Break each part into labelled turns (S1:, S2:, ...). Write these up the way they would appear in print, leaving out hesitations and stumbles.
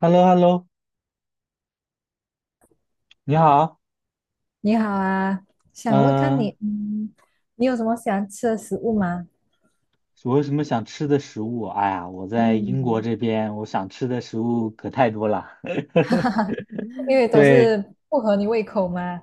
S1: h e l l o h e l l o 你好，
S2: 你好啊，想问看你，
S1: 嗯、
S2: 你有什么喜欢吃的食物吗？
S1: 我有什么想吃的食物？哎呀，我在英国
S2: 嗯，
S1: 这边，我想吃的食物可太多了。
S2: 哈哈哈，因为都
S1: 对，
S2: 是不合你胃口嘛。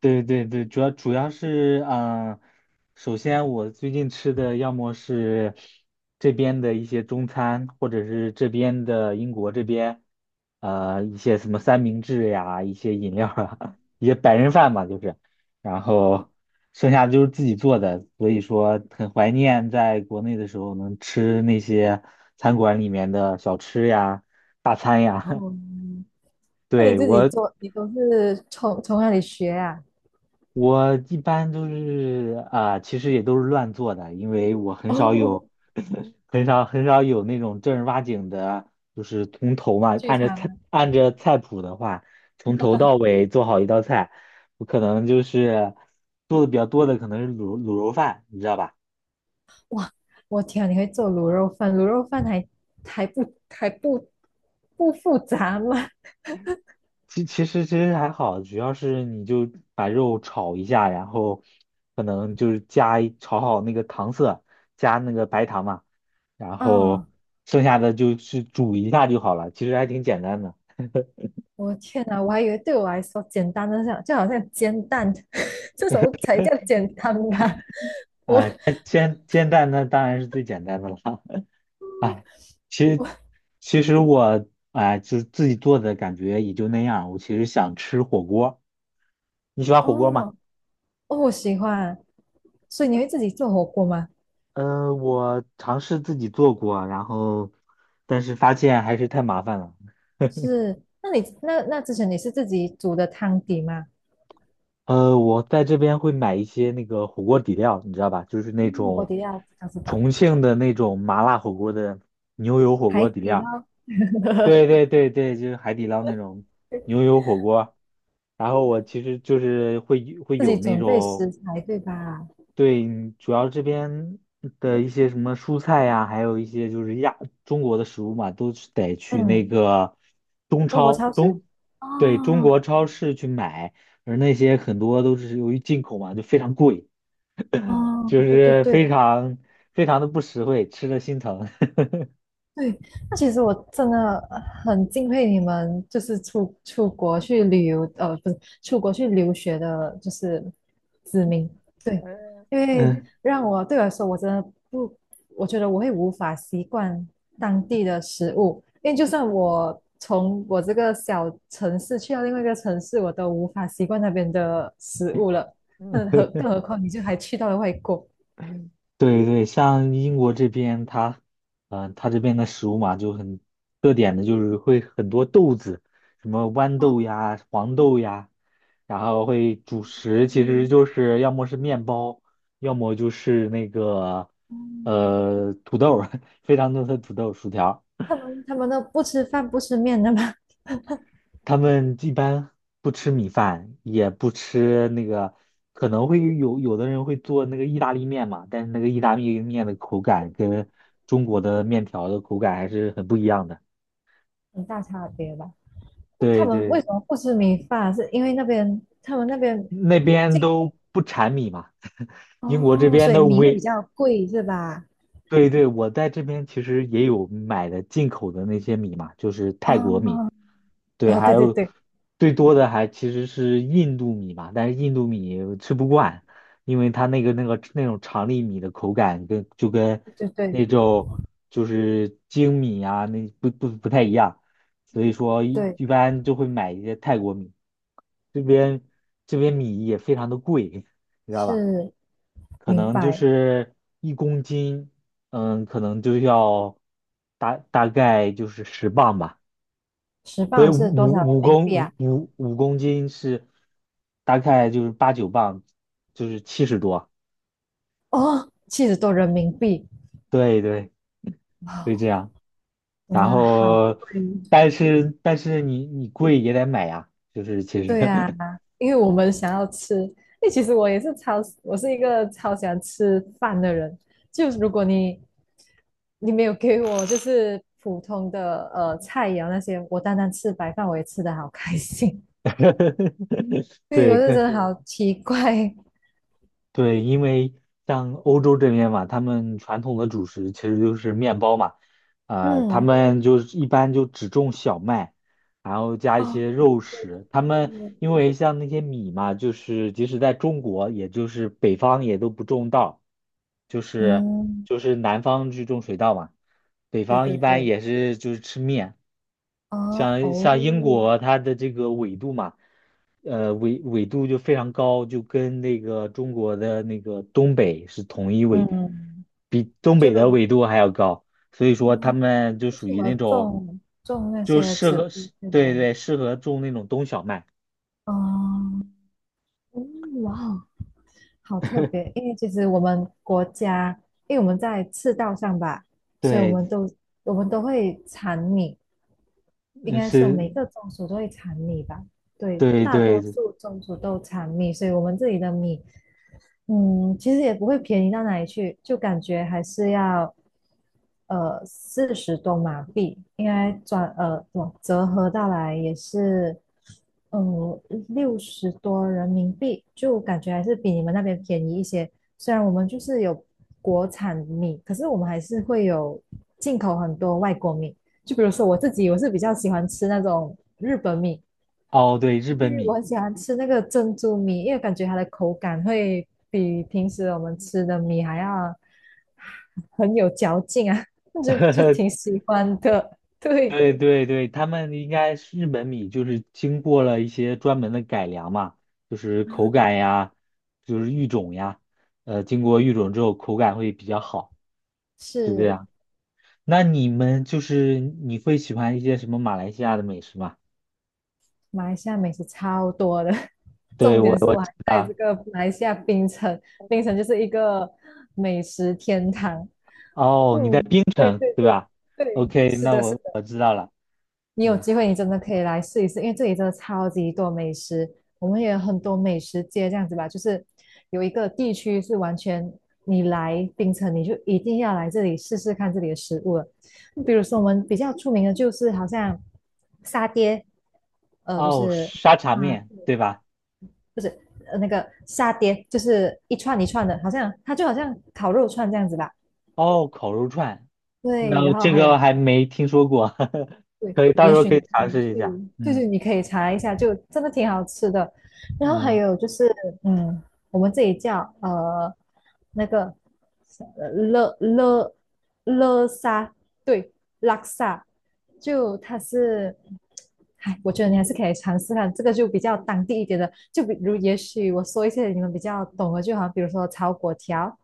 S1: 对对对，主要是，首先我最近吃的要么是这边的一些中餐，或者是这边的英国这边，一些什么三明治呀，一些饮料啊，一些白人饭嘛，就是，然后剩下的就是自己做的，所以说很怀念在国内的时候能吃那些餐馆里面的小吃呀、大餐呀。
S2: 哦，那你
S1: 对，
S2: 自己
S1: 我
S2: 做，你都是从哪里学啊？
S1: 我一般都是其实也都是乱做的，因为我
S2: 哦，
S1: 很少有那种正儿八经的，就是从头嘛，
S2: 聚餐的。
S1: 按着菜谱的话，从头到尾做好一道菜，我可能就是做的比较多的可能是卤肉饭，你知道吧？
S2: 哇，我天啊，你会做卤肉饭？卤肉饭还不复杂吗？
S1: 其实还好，主要是你就把肉炒一下，然后可能就是炒好那个糖色，加那个白糖嘛。然
S2: 啊、
S1: 后剩下的就去煮一下就好了，其实还挺简单的。
S2: 我天哪，我还以为对我来说简单的像就好像煎蛋 这种才叫简单吧？我。
S1: 啊、煎蛋那当然是最简单的了。哎，其实其实我就是自己做的感觉也就那样。我其实想吃火锅，你喜欢火锅吗？
S2: 哦哦，我喜欢，所以你会自己做火锅吗？
S1: 嗯，我尝试自己做过，然后但是发现还是太麻烦了。
S2: 是，那你那之前你是自己煮的汤底吗？
S1: 我在这边会买一些那个火锅底料，你知道吧？就是那
S2: 嗯，火锅
S1: 种
S2: 底料不知道，
S1: 重庆的那种麻辣火锅的牛油火
S2: 海
S1: 锅底
S2: 底
S1: 料。
S2: 捞
S1: 对 对对对，就是海底捞那种牛油火锅。然后我其实就是会
S2: 自己
S1: 有那
S2: 准备
S1: 种。
S2: 食材对吧？
S1: 对，主要这边的一些什么蔬菜呀，还有一些就是中国的食物嘛，都是得去那
S2: 嗯，
S1: 个中
S2: 中国
S1: 超，
S2: 超市。
S1: 对，中
S2: 哦
S1: 国超市去买，而那些很多都是由于进口嘛，就非常贵，
S2: 哦，
S1: 就
S2: 对对
S1: 是
S2: 对，
S1: 非常非常的不实惠，吃的心疼。
S2: 对，那其实我真的很敬佩你们，就是出国去旅游，不是出国去留学的，就是子民。对，因为
S1: 嗯，
S2: 让我对我来说，我真的不，我觉得我会无法习惯当地的食物，因为就算我从我这个小城市去到另外一个城市，我都无法习惯那边的食物了。那何 更何况你就还去到了外国。
S1: 对对，像英国这边它，它这边的食物嘛，就很特点的，就是会很多豆子，什么豌
S2: 哦，
S1: 豆呀、黄豆呀，然后会主食，其实
S2: 嗯
S1: 就是要么是面包，要么就是那个
S2: 嗯。
S1: 土豆儿 非常多的土豆、薯条。
S2: 他们都不吃饭不吃面的吗？
S1: 他们一般不吃米饭，也不吃那个，可能会有有的人会做那个意大利面嘛，但是那个意大利面的口感跟中国的面条的口感还是很不一样的。
S2: 很大差别吧？那他
S1: 对
S2: 们
S1: 对，
S2: 为什么不吃米饭啊？是因为那边他们那边
S1: 那边
S2: 进
S1: 都不产米嘛，英国这
S2: 哦，所
S1: 边
S2: 以
S1: 的
S2: 米会比
S1: 唯
S2: 较贵是吧？
S1: 对对，我在这边其实也有买的进口的那些米嘛，就是泰国米，
S2: 哦
S1: 对，
S2: 哦，
S1: 还
S2: 对对
S1: 有
S2: 对
S1: 最多的还其实是印度米嘛，但是印度米吃不惯，因为它那种长粒米的口感跟
S2: 对对对，
S1: 那种就是精米啊那不太一样，所以
S2: 嗯，
S1: 说一
S2: 对，
S1: 一般就会买一些泰国米，这边这边米也非常的贵，你知道吧？
S2: 是
S1: 可
S2: 明
S1: 能就
S2: 白。
S1: 是1公斤，嗯，可能就要大概就是10磅吧，
S2: 十
S1: 所以
S2: 磅是多少人
S1: 五五
S2: 民
S1: 公
S2: 币啊？
S1: 五五五公斤是大概就是八九磅，就是70多，
S2: 哦，七十多人民币，
S1: 对对，
S2: 哇，
S1: 会这样。
S2: 真
S1: 然
S2: 的好
S1: 后，
S2: 贵。
S1: 但是你贵也得买呀，就是其实，
S2: 对呀、因为我们想要吃，因为其实我是一个超喜欢吃饭的人。就如果你没有给我就是普通的呃菜肴那些，我单单吃白饭我也吃的好开心。对，我
S1: 对，
S2: 是
S1: 可
S2: 真的好奇怪。
S1: 对，因为像欧洲这边嘛，他们传统的主食其实就是面包嘛，他
S2: 嗯，
S1: 们就是一般就只种小麦，然后加一
S2: 哦，
S1: 些肉
S2: 对
S1: 食。他
S2: 对
S1: 们
S2: 对，
S1: 因为像那些米嘛，就是即使在中国，也就是北方也都不种稻，就是
S2: 嗯，
S1: 就是南方去种水稻嘛，北
S2: 对
S1: 方
S2: 对
S1: 一般
S2: 对，
S1: 也是就是吃面。
S2: 哦
S1: 像
S2: 哦，
S1: 像英国它的这个纬度嘛。呃纬纬度就非常高，就跟那个中国的那个东北是同一纬，
S2: 嗯，
S1: 比东北的
S2: 就
S1: 纬度还要高，所以说他
S2: 嗯，
S1: 们就
S2: 就
S1: 属
S2: 什
S1: 于
S2: 我
S1: 那种，
S2: 种种那
S1: 就
S2: 些
S1: 适
S2: 植
S1: 合，
S2: 物，对吧？
S1: 对对，适合种那种冬小麦，
S2: 哦，哇哦，好特别！因为其实我们国家，因为我们在赤道上吧，所以我
S1: 对，
S2: 们都我们都会产米，应
S1: 嗯
S2: 该说
S1: 是，
S2: 每个宗族都会产米吧？对，
S1: 对
S2: 大
S1: 对，
S2: 多数宗族都产米，所以我们这里的米其实也不会便宜到哪里去，就感觉还是要四十多马币，应该转哇折合到来也是嗯，六十多人民币，就感觉还是比你们那边便宜一些。虽然我们就是有国产米，可是我们还是会有进口很多外国米。就比如说我自己，我是比较喜欢吃那种日本米，
S1: 哦对，日
S2: 因
S1: 本
S2: 为我
S1: 米，
S2: 很喜欢吃那个珍珠米，因为感觉它的口感会比平时我们吃的米还要很有嚼劲啊，就挺 喜欢的。对，
S1: 对对对，他们应该是日本米，就是经过了一些专门的改良嘛，就是口感呀，就是育种呀，经过育种之后口感会比较好，是这
S2: 是
S1: 样。那你们就是你会喜欢一些什么马来西亚的美食吗？
S2: 马来西亚美食超多的，
S1: 对，
S2: 重
S1: 我
S2: 点是
S1: 我
S2: 我还在这个马来西亚槟城，槟城就是一个美食天堂。
S1: 哦，你在
S2: 嗯，
S1: 槟
S2: 对
S1: 城
S2: 对
S1: 对
S2: 对
S1: 吧
S2: 对，
S1: ？OK,
S2: 是
S1: 那
S2: 的，是
S1: 我
S2: 的。
S1: 我知道了，
S2: 你有
S1: 嗯，
S2: 机会你真的可以来试一试，因为这里真的超级多美食，我们也有很多美食街这样子吧，就是有一个地区是完全你来槟城你就一定要来这里试试看这里的食物了，比如说我们比较出名的就是好像沙爹，就
S1: 哦，
S2: 是
S1: 沙茶
S2: 啊、
S1: 面对吧？
S2: 那个沙爹就是一串一串的，好像它就好像烤肉串这样子吧。
S1: 哦，烤肉串，
S2: 对，
S1: 那
S2: 然后
S1: 这
S2: 还
S1: 个
S2: 有
S1: 还没听说过，
S2: 对，
S1: 到
S2: 也
S1: 时候
S2: 许
S1: 可
S2: 你
S1: 以
S2: 可
S1: 尝
S2: 以
S1: 试一下，
S2: 去，就
S1: 嗯。
S2: 是你可以查一下，就真的挺好吃的。然后还
S1: 嗯，
S2: 有就是，嗯，我们这里叫那个呃勒勒勒沙，对，拉萨，就它是，哎，我觉得你还是可以尝试看，这个就比较当地一点的，就比如也许我说一些你们比较懂的，就好像比如说炒粿条，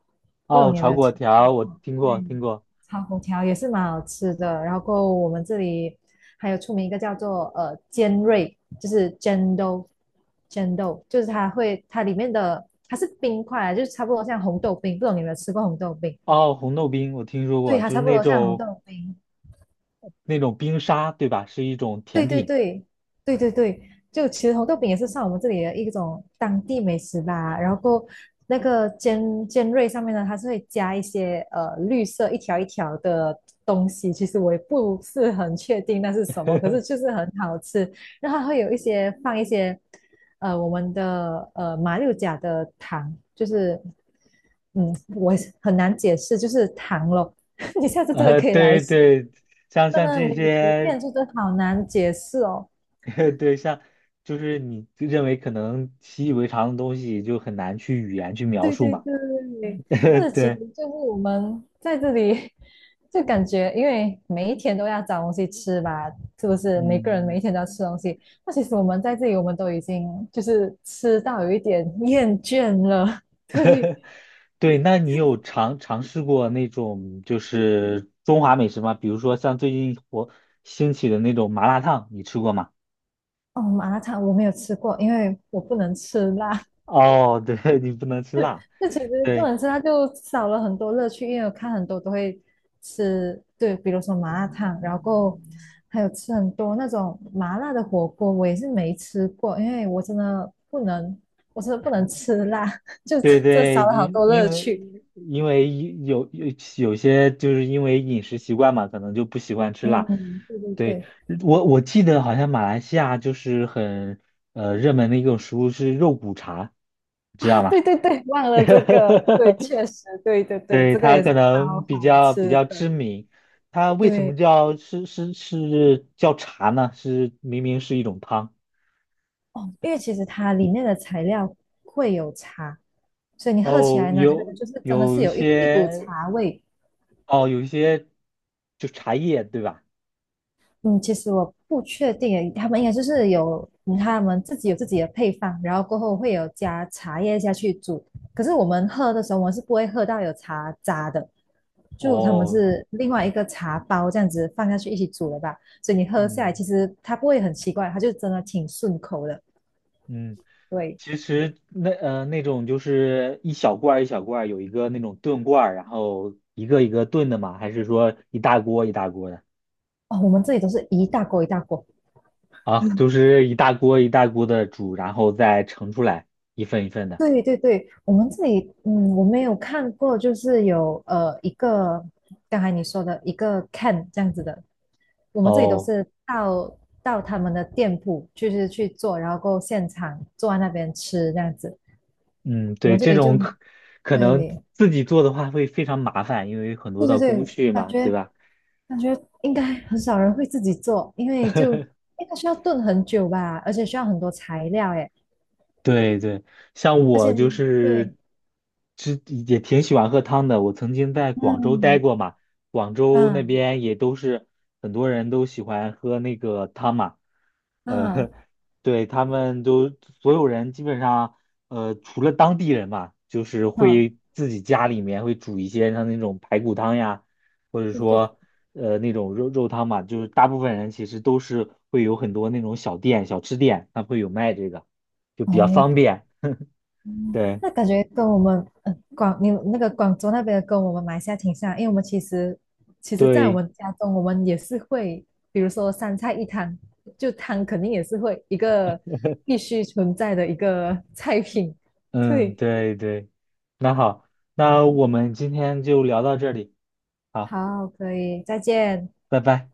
S2: 不懂
S1: 哦，
S2: 你有没
S1: 炒
S2: 有
S1: 粿
S2: 听？
S1: 条我听
S2: 对，
S1: 过听过，
S2: 炒粿条也是蛮好吃的。然后我们这里还有出名一个叫做尖锐，就是尖豆，尖豆就是它会它里面的它是冰块啊，就是差不多像红豆冰。不懂你有没有吃过红豆冰？
S1: 哦，红豆冰我听说
S2: 对，
S1: 过，
S2: 它
S1: 就
S2: 差
S1: 是
S2: 不
S1: 那
S2: 多像红
S1: 种
S2: 豆冰。
S1: 那种冰沙，对吧？是一种
S2: 对
S1: 甜
S2: 对
S1: 品。
S2: 对对对对，就其实红豆饼也是算我们这里的一种当地美食吧。然后过那个尖锐上面呢，它是会加一些绿色一条一条的东西，其实我也不是很确定那是什么，可是就是很好吃。然后它会有一些放一些我们的马六甲的糖，就是我也是很难解释，就是糖咯。你下次真的可以来
S1: 对
S2: 试
S1: 对，像
S2: 真
S1: 像
S2: 的
S1: 这
S2: 没有图
S1: 些，
S2: 片，就真的好难解释哦。
S1: 对，像就是你认为可能习以为常的东西，就很难去语言去描
S2: 对
S1: 述
S2: 对
S1: 嘛。
S2: 对，或 者其实
S1: 对，
S2: 就是我们在这里 就感觉，因为每一天都要找东西吃吧，是不是？每个人每
S1: 嗯，
S2: 一天都要吃东西。那其实我们在这里，我们都已经就是吃到有一点厌倦了。对，
S1: 对，那你有尝试过那种就是中华美食吗？比如说像最近兴起的那种麻辣烫，你吃过吗？
S2: 哦，麻辣烫我没有吃过，因为我不能吃辣。
S1: 哦，对，你不能吃 辣。
S2: 这其实不
S1: 对
S2: 能吃，它就少了很多乐趣。因为我看很多都会吃，对，比如说麻辣烫，然后还有吃很多那种麻辣的火锅，我也是没吃过，因为我真的不能，我真的不能吃辣，就这
S1: 对
S2: 这
S1: 对，
S2: 少了好
S1: 因
S2: 多乐
S1: 因为
S2: 趣。
S1: 因为有有有些就是因为饮食习惯嘛，可能就不喜欢吃辣。
S2: 嗯，对对
S1: 对，
S2: 对，
S1: 我记得好像马来西亚就是很热门的一种食物是肉骨茶，知
S2: 啊，
S1: 道吗？
S2: 对对对，忘了这个，对，确实，对对对，
S1: 对，
S2: 这个
S1: 它
S2: 也是
S1: 可
S2: 超
S1: 能
S2: 好
S1: 比较比
S2: 吃
S1: 较知
S2: 的。
S1: 名。它为什么
S2: 对，
S1: 叫茶呢？是明明是一种汤。
S2: 哦，因为其实它里面的材料会有差，所以你喝起
S1: 哦，
S2: 来呢，它就是真的是有一股茶味。
S1: 有一些就茶叶，对吧？
S2: 嗯，其实我不确定诶，他们应该就是有他们自己有自己的配方，然后过后会有加茶叶下去煮。可是我们喝的时候，我们是不会喝到有茶渣的，就他们
S1: 哦，
S2: 是另外一个茶包这样子放下去一起煮的吧。所以你喝下来，其
S1: 嗯
S2: 实它不会很奇怪，它就真的挺顺口的。
S1: 嗯，
S2: 对，
S1: 其实那种就是一小罐儿一小罐儿有一个那种炖罐儿然后一个一个炖的嘛，还是说一大锅一大锅的
S2: 哦，我们这里都是一大锅一大锅，
S1: 啊？就是一大锅一大锅的煮，然后再盛出来一份一份的。
S2: 对对对，我们这里，我没有看过，就是有一个刚才你说的一个 can 这样子的，我们这里都
S1: 哦，
S2: 是到他们的店铺，就是去做，然后过后现场坐在那边吃这样子。
S1: 嗯，
S2: 我们
S1: 对，
S2: 这
S1: 这
S2: 里就
S1: 种可可
S2: 对
S1: 能
S2: 对
S1: 自己做的话会非常麻烦，因为很多
S2: 对
S1: 的工
S2: 对，
S1: 序
S2: 感
S1: 嘛，
S2: 觉
S1: 对吧？
S2: 感觉应该很少人会自己做，因为就 应该需要炖很久吧，而且需要很多材料诶，
S1: 对对，像
S2: 而
S1: 我
S2: 且
S1: 就是，
S2: 对，
S1: 这也挺喜欢喝汤的。我曾经在广州待
S2: 嗯
S1: 过嘛，广州那
S2: 嗯
S1: 边也都是很多人都喜欢喝那个汤嘛。呃，
S2: 嗯，
S1: 对，他们都所有人基本上，除了当地人嘛，就是
S2: 好、
S1: 会自己家里面会煮一些像那种排骨汤呀，或者
S2: 对对。
S1: 说那种肉汤嘛，就是大部分人其实都是会有很多那种小店、小吃店，它会有卖这个。就比较
S2: 哦，
S1: 方便。
S2: 嗯，
S1: 对
S2: 那感觉跟我们你那个广州那边的跟我们马来西亚挺像，因为我们其实，在我
S1: 对，
S2: 们家中，我们也是会，比如说三菜一汤，就汤肯定也是会一个必须存在的一个菜品。
S1: 嗯，
S2: 对，
S1: 对对，那好，那我们今天就聊到这里，好，
S2: 好，可以，再见。
S1: 拜拜。